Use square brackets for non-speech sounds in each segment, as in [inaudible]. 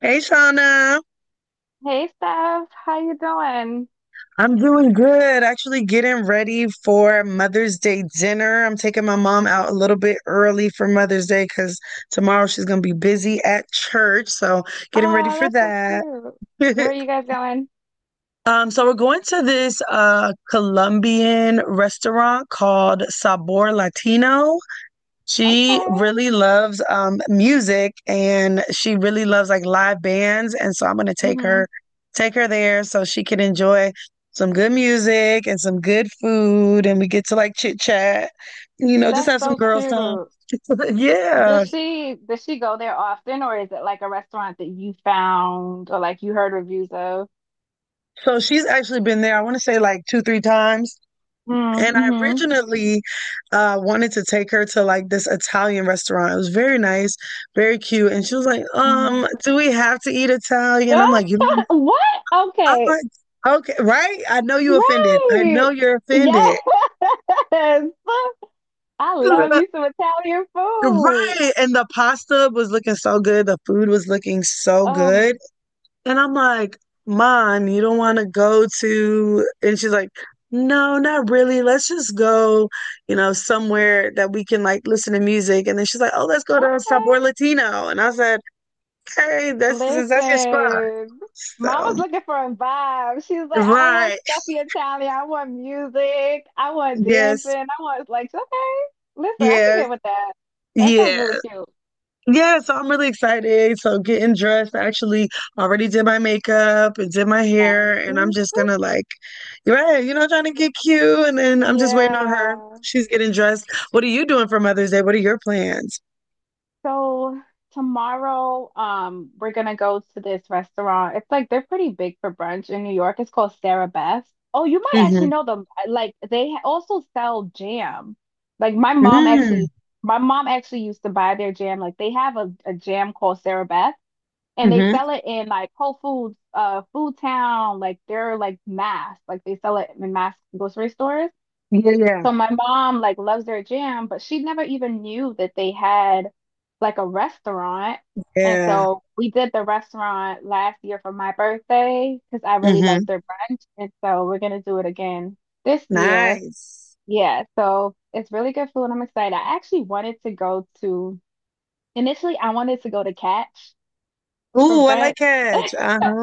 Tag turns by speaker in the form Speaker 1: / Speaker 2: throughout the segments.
Speaker 1: Hey, Shauna.
Speaker 2: Hey Steph, how you doing?
Speaker 1: I'm doing good. Actually, getting ready for Mother's Day dinner. I'm taking my mom out a little bit early for Mother's Day because tomorrow she's going to be busy at church. So, getting ready
Speaker 2: Oh,
Speaker 1: for
Speaker 2: that's so
Speaker 1: that.
Speaker 2: cute. Where are
Speaker 1: [laughs]
Speaker 2: you guys going?
Speaker 1: So we're going to this Colombian restaurant called Sabor Latino. She
Speaker 2: Okay.
Speaker 1: really loves music and she really loves like live bands. And so I'm gonna take
Speaker 2: Hmm.
Speaker 1: her, take her there so she can enjoy some good music and some good food and we get to like chit chat, just
Speaker 2: That's
Speaker 1: have some
Speaker 2: so
Speaker 1: girls time.
Speaker 2: cute.
Speaker 1: [laughs] Yeah.
Speaker 2: Does she go there often, or is it like a restaurant that you found or like you heard reviews of?
Speaker 1: So she's actually been there, I want to say like two, three times. And I
Speaker 2: Mm-hmm.
Speaker 1: originally wanted to take her to like this Italian restaurant. It was very nice, very cute. And she was like,
Speaker 2: Mm-hmm.
Speaker 1: do we have to eat Italian?
Speaker 2: [laughs] What?
Speaker 1: I'm
Speaker 2: Okay.
Speaker 1: like, okay, right? I know you offended. I know
Speaker 2: Right.
Speaker 1: you're offended.
Speaker 2: Yes. [laughs] I love me
Speaker 1: [laughs]
Speaker 2: some Italian food.
Speaker 1: Right. And the pasta was looking so good. The food was looking so good.
Speaker 2: Oh,
Speaker 1: And I'm like, Mom, you don't want to go to. And she's like, no, not really. Let's just go, you know, somewhere that we can like listen to music. And then she's like, oh, let's go to Sabor
Speaker 2: okay.
Speaker 1: Latino. And I said, hey, that's your spot.
Speaker 2: Listen, Mama's
Speaker 1: So,
Speaker 2: looking for a vibe. She's like, I don't want
Speaker 1: right.
Speaker 2: stuffy Italian. I want music. I want dancing.
Speaker 1: Yes.
Speaker 2: I want like, okay, listen, I can
Speaker 1: Yes.
Speaker 2: get with that. That sounds really
Speaker 1: Yeah.
Speaker 2: cute.
Speaker 1: Yeah, so I'm really excited. So getting dressed, I actually already did my makeup and did my hair, and I'm
Speaker 2: Nice.
Speaker 1: just gonna like, right, you know, trying to get cute, and then I'm just waiting on her.
Speaker 2: Yeah.
Speaker 1: She's getting dressed. What are you doing for Mother's Day? What are your plans?
Speaker 2: So tomorrow, we're gonna go to this restaurant. It's like they're pretty big for brunch in New York. It's called Sarah Beth's. Oh, you might
Speaker 1: Mm-hmm.
Speaker 2: actually know them. Like also sell jam. Like my mom
Speaker 1: Mm-hmm.
Speaker 2: actually, my mom actually used to buy their jam. Like they have a jam called Sarah Beth, and they
Speaker 1: Mm-hmm.
Speaker 2: sell it in like Whole Foods, Food Town. Like they're like mass. Like they sell it in mass grocery stores.
Speaker 1: Yeah, yeah,
Speaker 2: So my mom like loves their gym, but she never even knew that they had like a restaurant. And
Speaker 1: yeah.
Speaker 2: so we did the restaurant last year for my birthday because I really like
Speaker 1: Mm-hmm.
Speaker 2: their brunch. And so we're gonna do it again this year.
Speaker 1: Nice.
Speaker 2: Yeah, so it's really good food. I'm excited. I actually wanted to go to Initially I wanted to go to Catch for
Speaker 1: Ooh, I
Speaker 2: brunch.
Speaker 1: like
Speaker 2: [laughs]
Speaker 1: catch.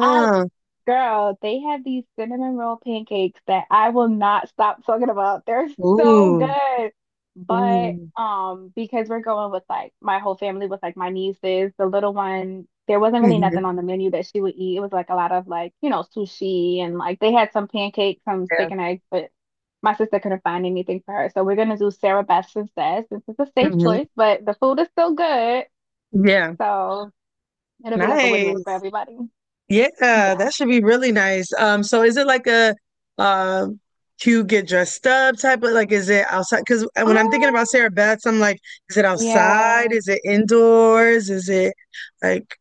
Speaker 2: I Girl, they have these cinnamon roll pancakes that I will not stop talking about. They're so
Speaker 1: Ooh.
Speaker 2: good. But
Speaker 1: Ooh.
Speaker 2: um, because we're going with like my whole family with like my nieces, the little one, there wasn't really nothing on the
Speaker 1: Mm-hmm.
Speaker 2: menu that she would eat. It was like a lot of like, sushi, and like they had some pancakes, some
Speaker 1: Yeah.
Speaker 2: steak and eggs, but my sister couldn't find anything for her. So we're gonna do Sarah Best instead, since it's a safe
Speaker 1: Mm-hmm.
Speaker 2: choice, but the food is still good.
Speaker 1: Yeah.
Speaker 2: So it'll be like a win-win for
Speaker 1: Nice.
Speaker 2: everybody.
Speaker 1: Yeah,
Speaker 2: Yeah.
Speaker 1: that should be really nice. So is it like a uh cute get dressed up type of like is it outside? Because when I'm thinking about
Speaker 2: Um.
Speaker 1: Sarah Beth's, I'm like, is it outside?
Speaker 2: Yeah.
Speaker 1: Is it indoors? Is it like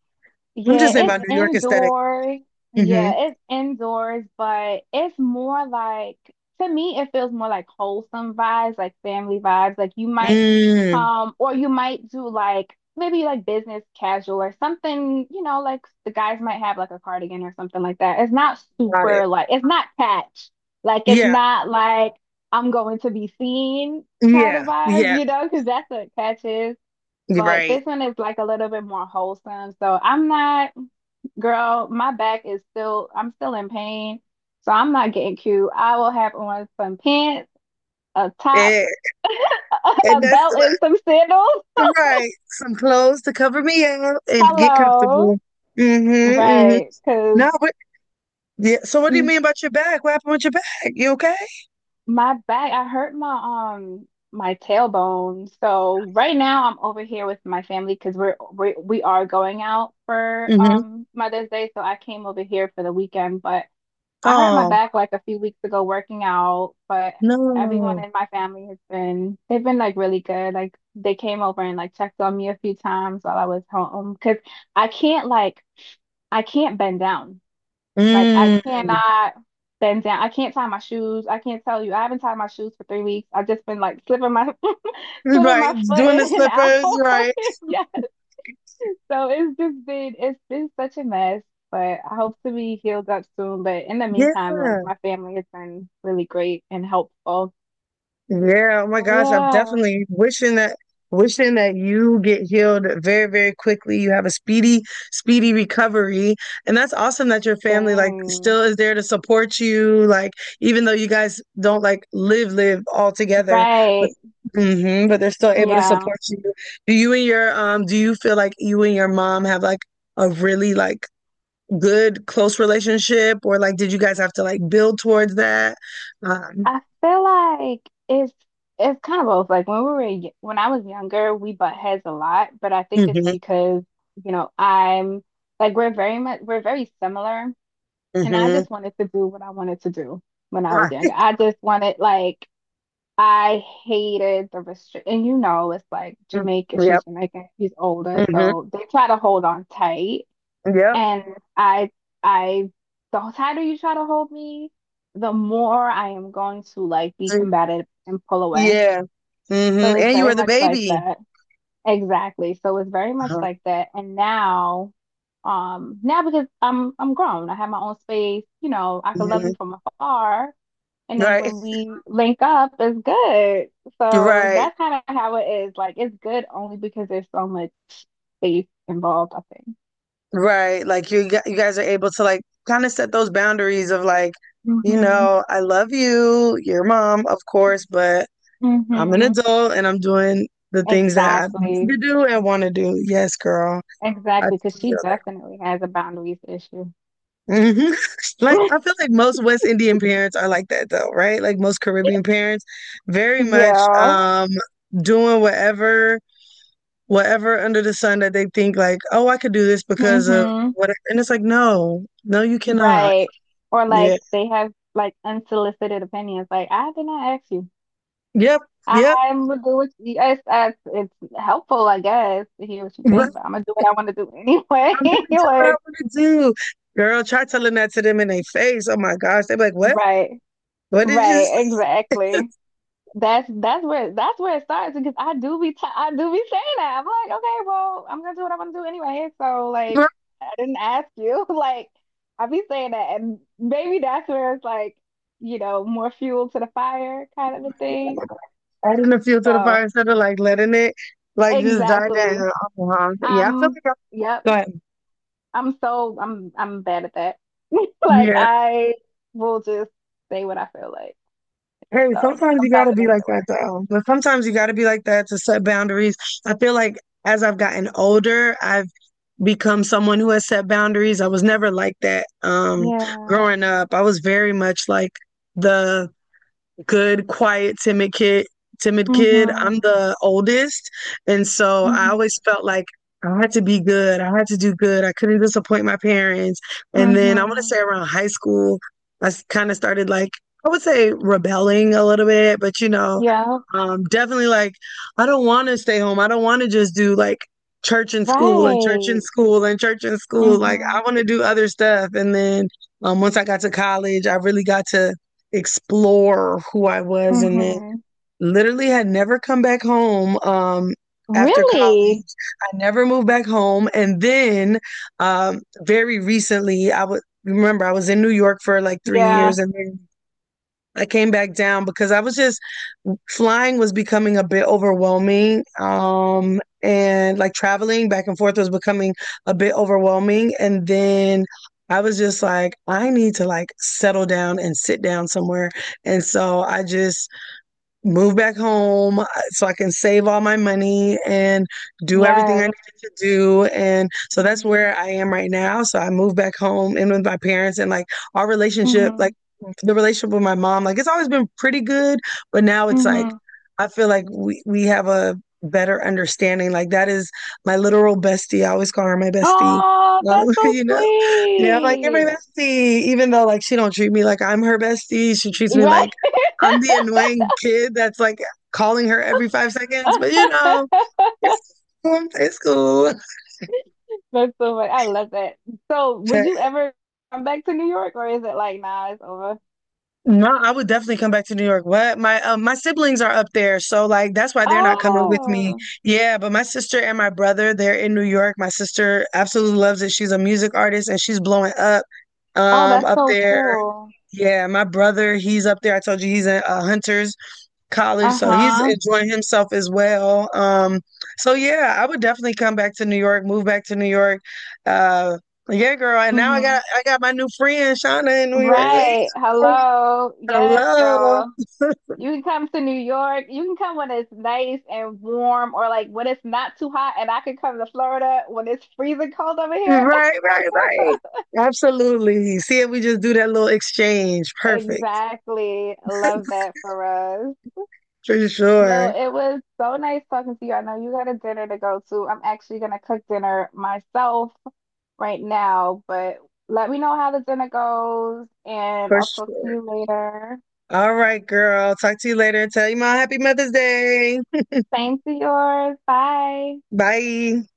Speaker 1: I'm
Speaker 2: Yeah,
Speaker 1: just thinking
Speaker 2: it's
Speaker 1: about New York aesthetic.
Speaker 2: indoors.
Speaker 1: Hmm.
Speaker 2: Yeah, it's indoors, but it's more like, to me it feels more like wholesome vibes, like family vibes. Like you might
Speaker 1: Mm,
Speaker 2: or you might do like maybe like business casual or something, like the guys might have like a cardigan or something like that. It's not
Speaker 1: got it.
Speaker 2: super like, it's not catch. Like it's
Speaker 1: Yeah,
Speaker 2: not like I'm going to be seen kind of
Speaker 1: yeah,
Speaker 2: vibes,
Speaker 1: yeah.
Speaker 2: because that's what catch is.
Speaker 1: You're
Speaker 2: But
Speaker 1: right.
Speaker 2: this one is like a little bit more wholesome. So I'm not, girl, my back is still, I'm still in pain. So I'm not getting cute. I will have on some pants, a top,
Speaker 1: Eh,
Speaker 2: [laughs]
Speaker 1: and
Speaker 2: a belt, and some sandals. [laughs]
Speaker 1: right. Some clothes to cover me up and get
Speaker 2: Hello.
Speaker 1: comfortable. Mm-hmm. Mm-hmm.
Speaker 2: Right. Because
Speaker 1: No, but yeah. So what do you mean about your back? What happened with your back? You okay?
Speaker 2: my back, I hurt my, my tailbone. So right now I'm over here with my family because we are going out for
Speaker 1: Mhm.
Speaker 2: Mother's Day. So I came over here for the weekend, but I hurt my
Speaker 1: Oh,
Speaker 2: back like a few weeks ago working out, but everyone
Speaker 1: no.
Speaker 2: in my family has been, they've been like really good. Like they came over and like checked on me a few times while I was home because I can't like, I can't bend down. Like I
Speaker 1: Mm.
Speaker 2: cannot bend down. I can't tie my shoes. I can't tell you. I haven't tied my shoes for 3 weeks. I've just been like slipping my, [laughs] slipping
Speaker 1: Right.
Speaker 2: my foot
Speaker 1: Doing the
Speaker 2: in and out.
Speaker 1: slippers, right.
Speaker 2: [laughs] Yeah. So it's been such a mess, but I hope to be healed up soon. But in the
Speaker 1: Yeah.
Speaker 2: meantime, like my family has been really great and helpful.
Speaker 1: Yeah. Oh my gosh. I'm
Speaker 2: Yeah,
Speaker 1: definitely wishing that you get healed very, very quickly. You have a speedy, speedy recovery. And that's awesome that your family like
Speaker 2: same.
Speaker 1: still is there to support you. Like, even though you guys don't like live all together, but
Speaker 2: Right.
Speaker 1: hmm but they're still able to
Speaker 2: Yeah.
Speaker 1: support you. Do you and your do you feel like you and your mom have like a really like good close relationship or like did you guys have to like build towards that um
Speaker 2: I feel like it's kind of both. Like when we were when I was younger, we butt heads a lot, but I think it's
Speaker 1: mhm,
Speaker 2: because, you know, I'm like we're very much, we're very similar, and I
Speaker 1: mhm.
Speaker 2: just wanted to do what I wanted to do when I was
Speaker 1: Mm,
Speaker 2: younger.
Speaker 1: [laughs]
Speaker 2: I just wanted like, I hated the restrict, and you know, it's like Jamaica, she's
Speaker 1: yep
Speaker 2: Jamaican, she's older,
Speaker 1: mhm,
Speaker 2: so they try to hold on tight.
Speaker 1: yep
Speaker 2: And I, I, the tighter you try to hold me, the more I am going to like be
Speaker 1: Mm,
Speaker 2: combative and pull away.
Speaker 1: yeah mhm.
Speaker 2: So it's
Speaker 1: And you
Speaker 2: very
Speaker 1: were the
Speaker 2: much like
Speaker 1: baby.
Speaker 2: that. Exactly. So it's very much
Speaker 1: Uh-huh.
Speaker 2: like that. And now, now because I'm grown, I have my own space, you know, I could love
Speaker 1: Mhm.
Speaker 2: you from afar, and then
Speaker 1: Right,
Speaker 2: when we link up, it's good. So
Speaker 1: right,
Speaker 2: that's kind of how it is. Like it's good only because there's so much space involved, I think.
Speaker 1: right, like you guys are able to like kind of set those boundaries of like, you
Speaker 2: Hmm.
Speaker 1: know, I love you, your mom, of course, but I'm an
Speaker 2: Hmm.
Speaker 1: adult and I'm doing the things that I need to
Speaker 2: Exactly.
Speaker 1: do and want to do. Yes, girl, I
Speaker 2: Exactly. Because
Speaker 1: feel
Speaker 2: she definitely has a boundaries issue.
Speaker 1: hmm [laughs] like I
Speaker 2: [laughs]
Speaker 1: feel like most West Indian parents are like that though, right? Like most Caribbean parents, very much
Speaker 2: Yeah.
Speaker 1: doing whatever under the sun that they think like, oh, I could do this because of
Speaker 2: Hmm.
Speaker 1: whatever. And it's like, no, no, you cannot.
Speaker 2: Right. Or
Speaker 1: Yeah.
Speaker 2: like they have like unsolicited opinions. Like I did not ask you.
Speaker 1: Yep. Yep.
Speaker 2: I'm gonna do what yes, that's, it's helpful, I guess, to hear what you think,
Speaker 1: Right.
Speaker 2: but I'm gonna do what I want to do anyway.
Speaker 1: I'm gonna
Speaker 2: [laughs]
Speaker 1: do what I
Speaker 2: Like,
Speaker 1: want to do. Girl, try telling that to them in their face. Oh my gosh, they are like, what?
Speaker 2: right,
Speaker 1: What did you
Speaker 2: right,
Speaker 1: say?
Speaker 2: exactly. That's where that's where it starts because I do be saying that. I'm like, okay, well, I'm gonna do what I want to do anyway. So like,
Speaker 1: [laughs]
Speaker 2: I didn't ask you. [laughs] Like, I be saying that, and maybe that's where it's like, you know, more fuel to the fire kind of a thing.
Speaker 1: Adding the fuel to the fire
Speaker 2: So
Speaker 1: instead of like letting it like just die
Speaker 2: exactly.
Speaker 1: down. Uh-huh. Yeah, I feel
Speaker 2: Um.
Speaker 1: like I-
Speaker 2: Yep.
Speaker 1: Go ahead.
Speaker 2: I'm so I'm bad at that. [laughs] Like
Speaker 1: Yeah.
Speaker 2: I will just say what I feel like.
Speaker 1: Hey,
Speaker 2: So
Speaker 1: sometimes you
Speaker 2: sometimes
Speaker 1: gotta
Speaker 2: it
Speaker 1: be
Speaker 2: makes
Speaker 1: like
Speaker 2: it
Speaker 1: that
Speaker 2: work.
Speaker 1: though. But sometimes you gotta be like that to set boundaries. I feel like as I've gotten older, I've become someone who has set boundaries. I was never like that
Speaker 2: Yeah.
Speaker 1: growing up. I was very much like the good, quiet, timid kid. Timid kid. I'm
Speaker 2: Mhm.
Speaker 1: the oldest, and so I
Speaker 2: Mhm.
Speaker 1: always felt like I had to be good. I had to do good. I couldn't disappoint my parents. And then I want to
Speaker 2: Mhm.
Speaker 1: say around high school, I kind of started like, I would say, rebelling a little bit, but you know,
Speaker 2: Yeah.
Speaker 1: definitely like I don't want to stay home. I don't want to just do like church and school and church and
Speaker 2: Right.
Speaker 1: school and church and school. Like I
Speaker 2: Mhm.
Speaker 1: want to do other stuff. And then once I got to college, I really got to explore who I was and then
Speaker 2: Mhm.
Speaker 1: literally had never come back home after
Speaker 2: Really?
Speaker 1: college. I never moved back home, and then very recently, I would remember I was in New York for like 3
Speaker 2: Yeah.
Speaker 1: years, and then I came back down because I was just flying was becoming a bit overwhelming. And like traveling back and forth was becoming a bit overwhelming. And then I was just like, I need to like settle down and sit down somewhere. And so I just move back home so I can save all my money and do everything I
Speaker 2: Yes.
Speaker 1: needed to do. And so that's
Speaker 2: Mhm.
Speaker 1: where I am right now. So I moved back home in with my parents, and like our relationship, like
Speaker 2: Mhm.
Speaker 1: the relationship with my mom, like it's always been pretty good, but now it's like
Speaker 2: Mhm.
Speaker 1: I feel like we have a better understanding. Like that is my literal bestie. I always call her my bestie.
Speaker 2: Oh, that's
Speaker 1: [laughs]
Speaker 2: so
Speaker 1: You know, yeah, I'm like, you're my
Speaker 2: sweet.
Speaker 1: bestie, even though like she don't treat me like I'm her bestie. She treats me
Speaker 2: Right?
Speaker 1: like I'm the annoying kid that's like calling her every 5 seconds, but you
Speaker 2: [laughs]
Speaker 1: know, it's cool.
Speaker 2: That's so funny. I love that. So,
Speaker 1: Okay.
Speaker 2: would you ever come back to New York, or is it like, nah, it's over?
Speaker 1: No, I would definitely come back to New York. What? My my siblings are up there, so like that's why they're not coming with me.
Speaker 2: Oh,
Speaker 1: Yeah, but my sister and my brother, they're in New York. My sister absolutely loves it. She's a music artist and she's blowing up
Speaker 2: oh, that's
Speaker 1: up
Speaker 2: so [laughs]
Speaker 1: there.
Speaker 2: cool.
Speaker 1: Yeah, my brother, he's up there. I told you he's in Hunters college, so he's
Speaker 2: Uh-huh.
Speaker 1: enjoying himself as well. So yeah, I would definitely come back to New York, move back to New York. Uh, yeah, girl, and now I got
Speaker 2: Hmm.
Speaker 1: I got my new friend Shauna in New York.
Speaker 2: Right. Hello.
Speaker 1: [laughs]
Speaker 2: Yes,
Speaker 1: Hello,
Speaker 2: girl.
Speaker 1: [laughs]
Speaker 2: You can come to New York. You can come when it's nice and warm, or like when it's not too hot, and I can come to Florida when it's freezing cold over here. [laughs]
Speaker 1: right, right, right. Absolutely. See if we just do that little exchange. Perfect.
Speaker 2: Exactly. Love that for us.
Speaker 1: For
Speaker 2: Well,
Speaker 1: sure.
Speaker 2: it was so nice talking to you. I know you got a dinner to go to. I'm actually gonna cook dinner myself right now, but let me know how the dinner goes and
Speaker 1: For
Speaker 2: I'll talk to
Speaker 1: sure.
Speaker 2: you later.
Speaker 1: All right, girl. Talk to you later. Tell you my happy Mother's Day.
Speaker 2: Same to yours. Bye.
Speaker 1: Bye.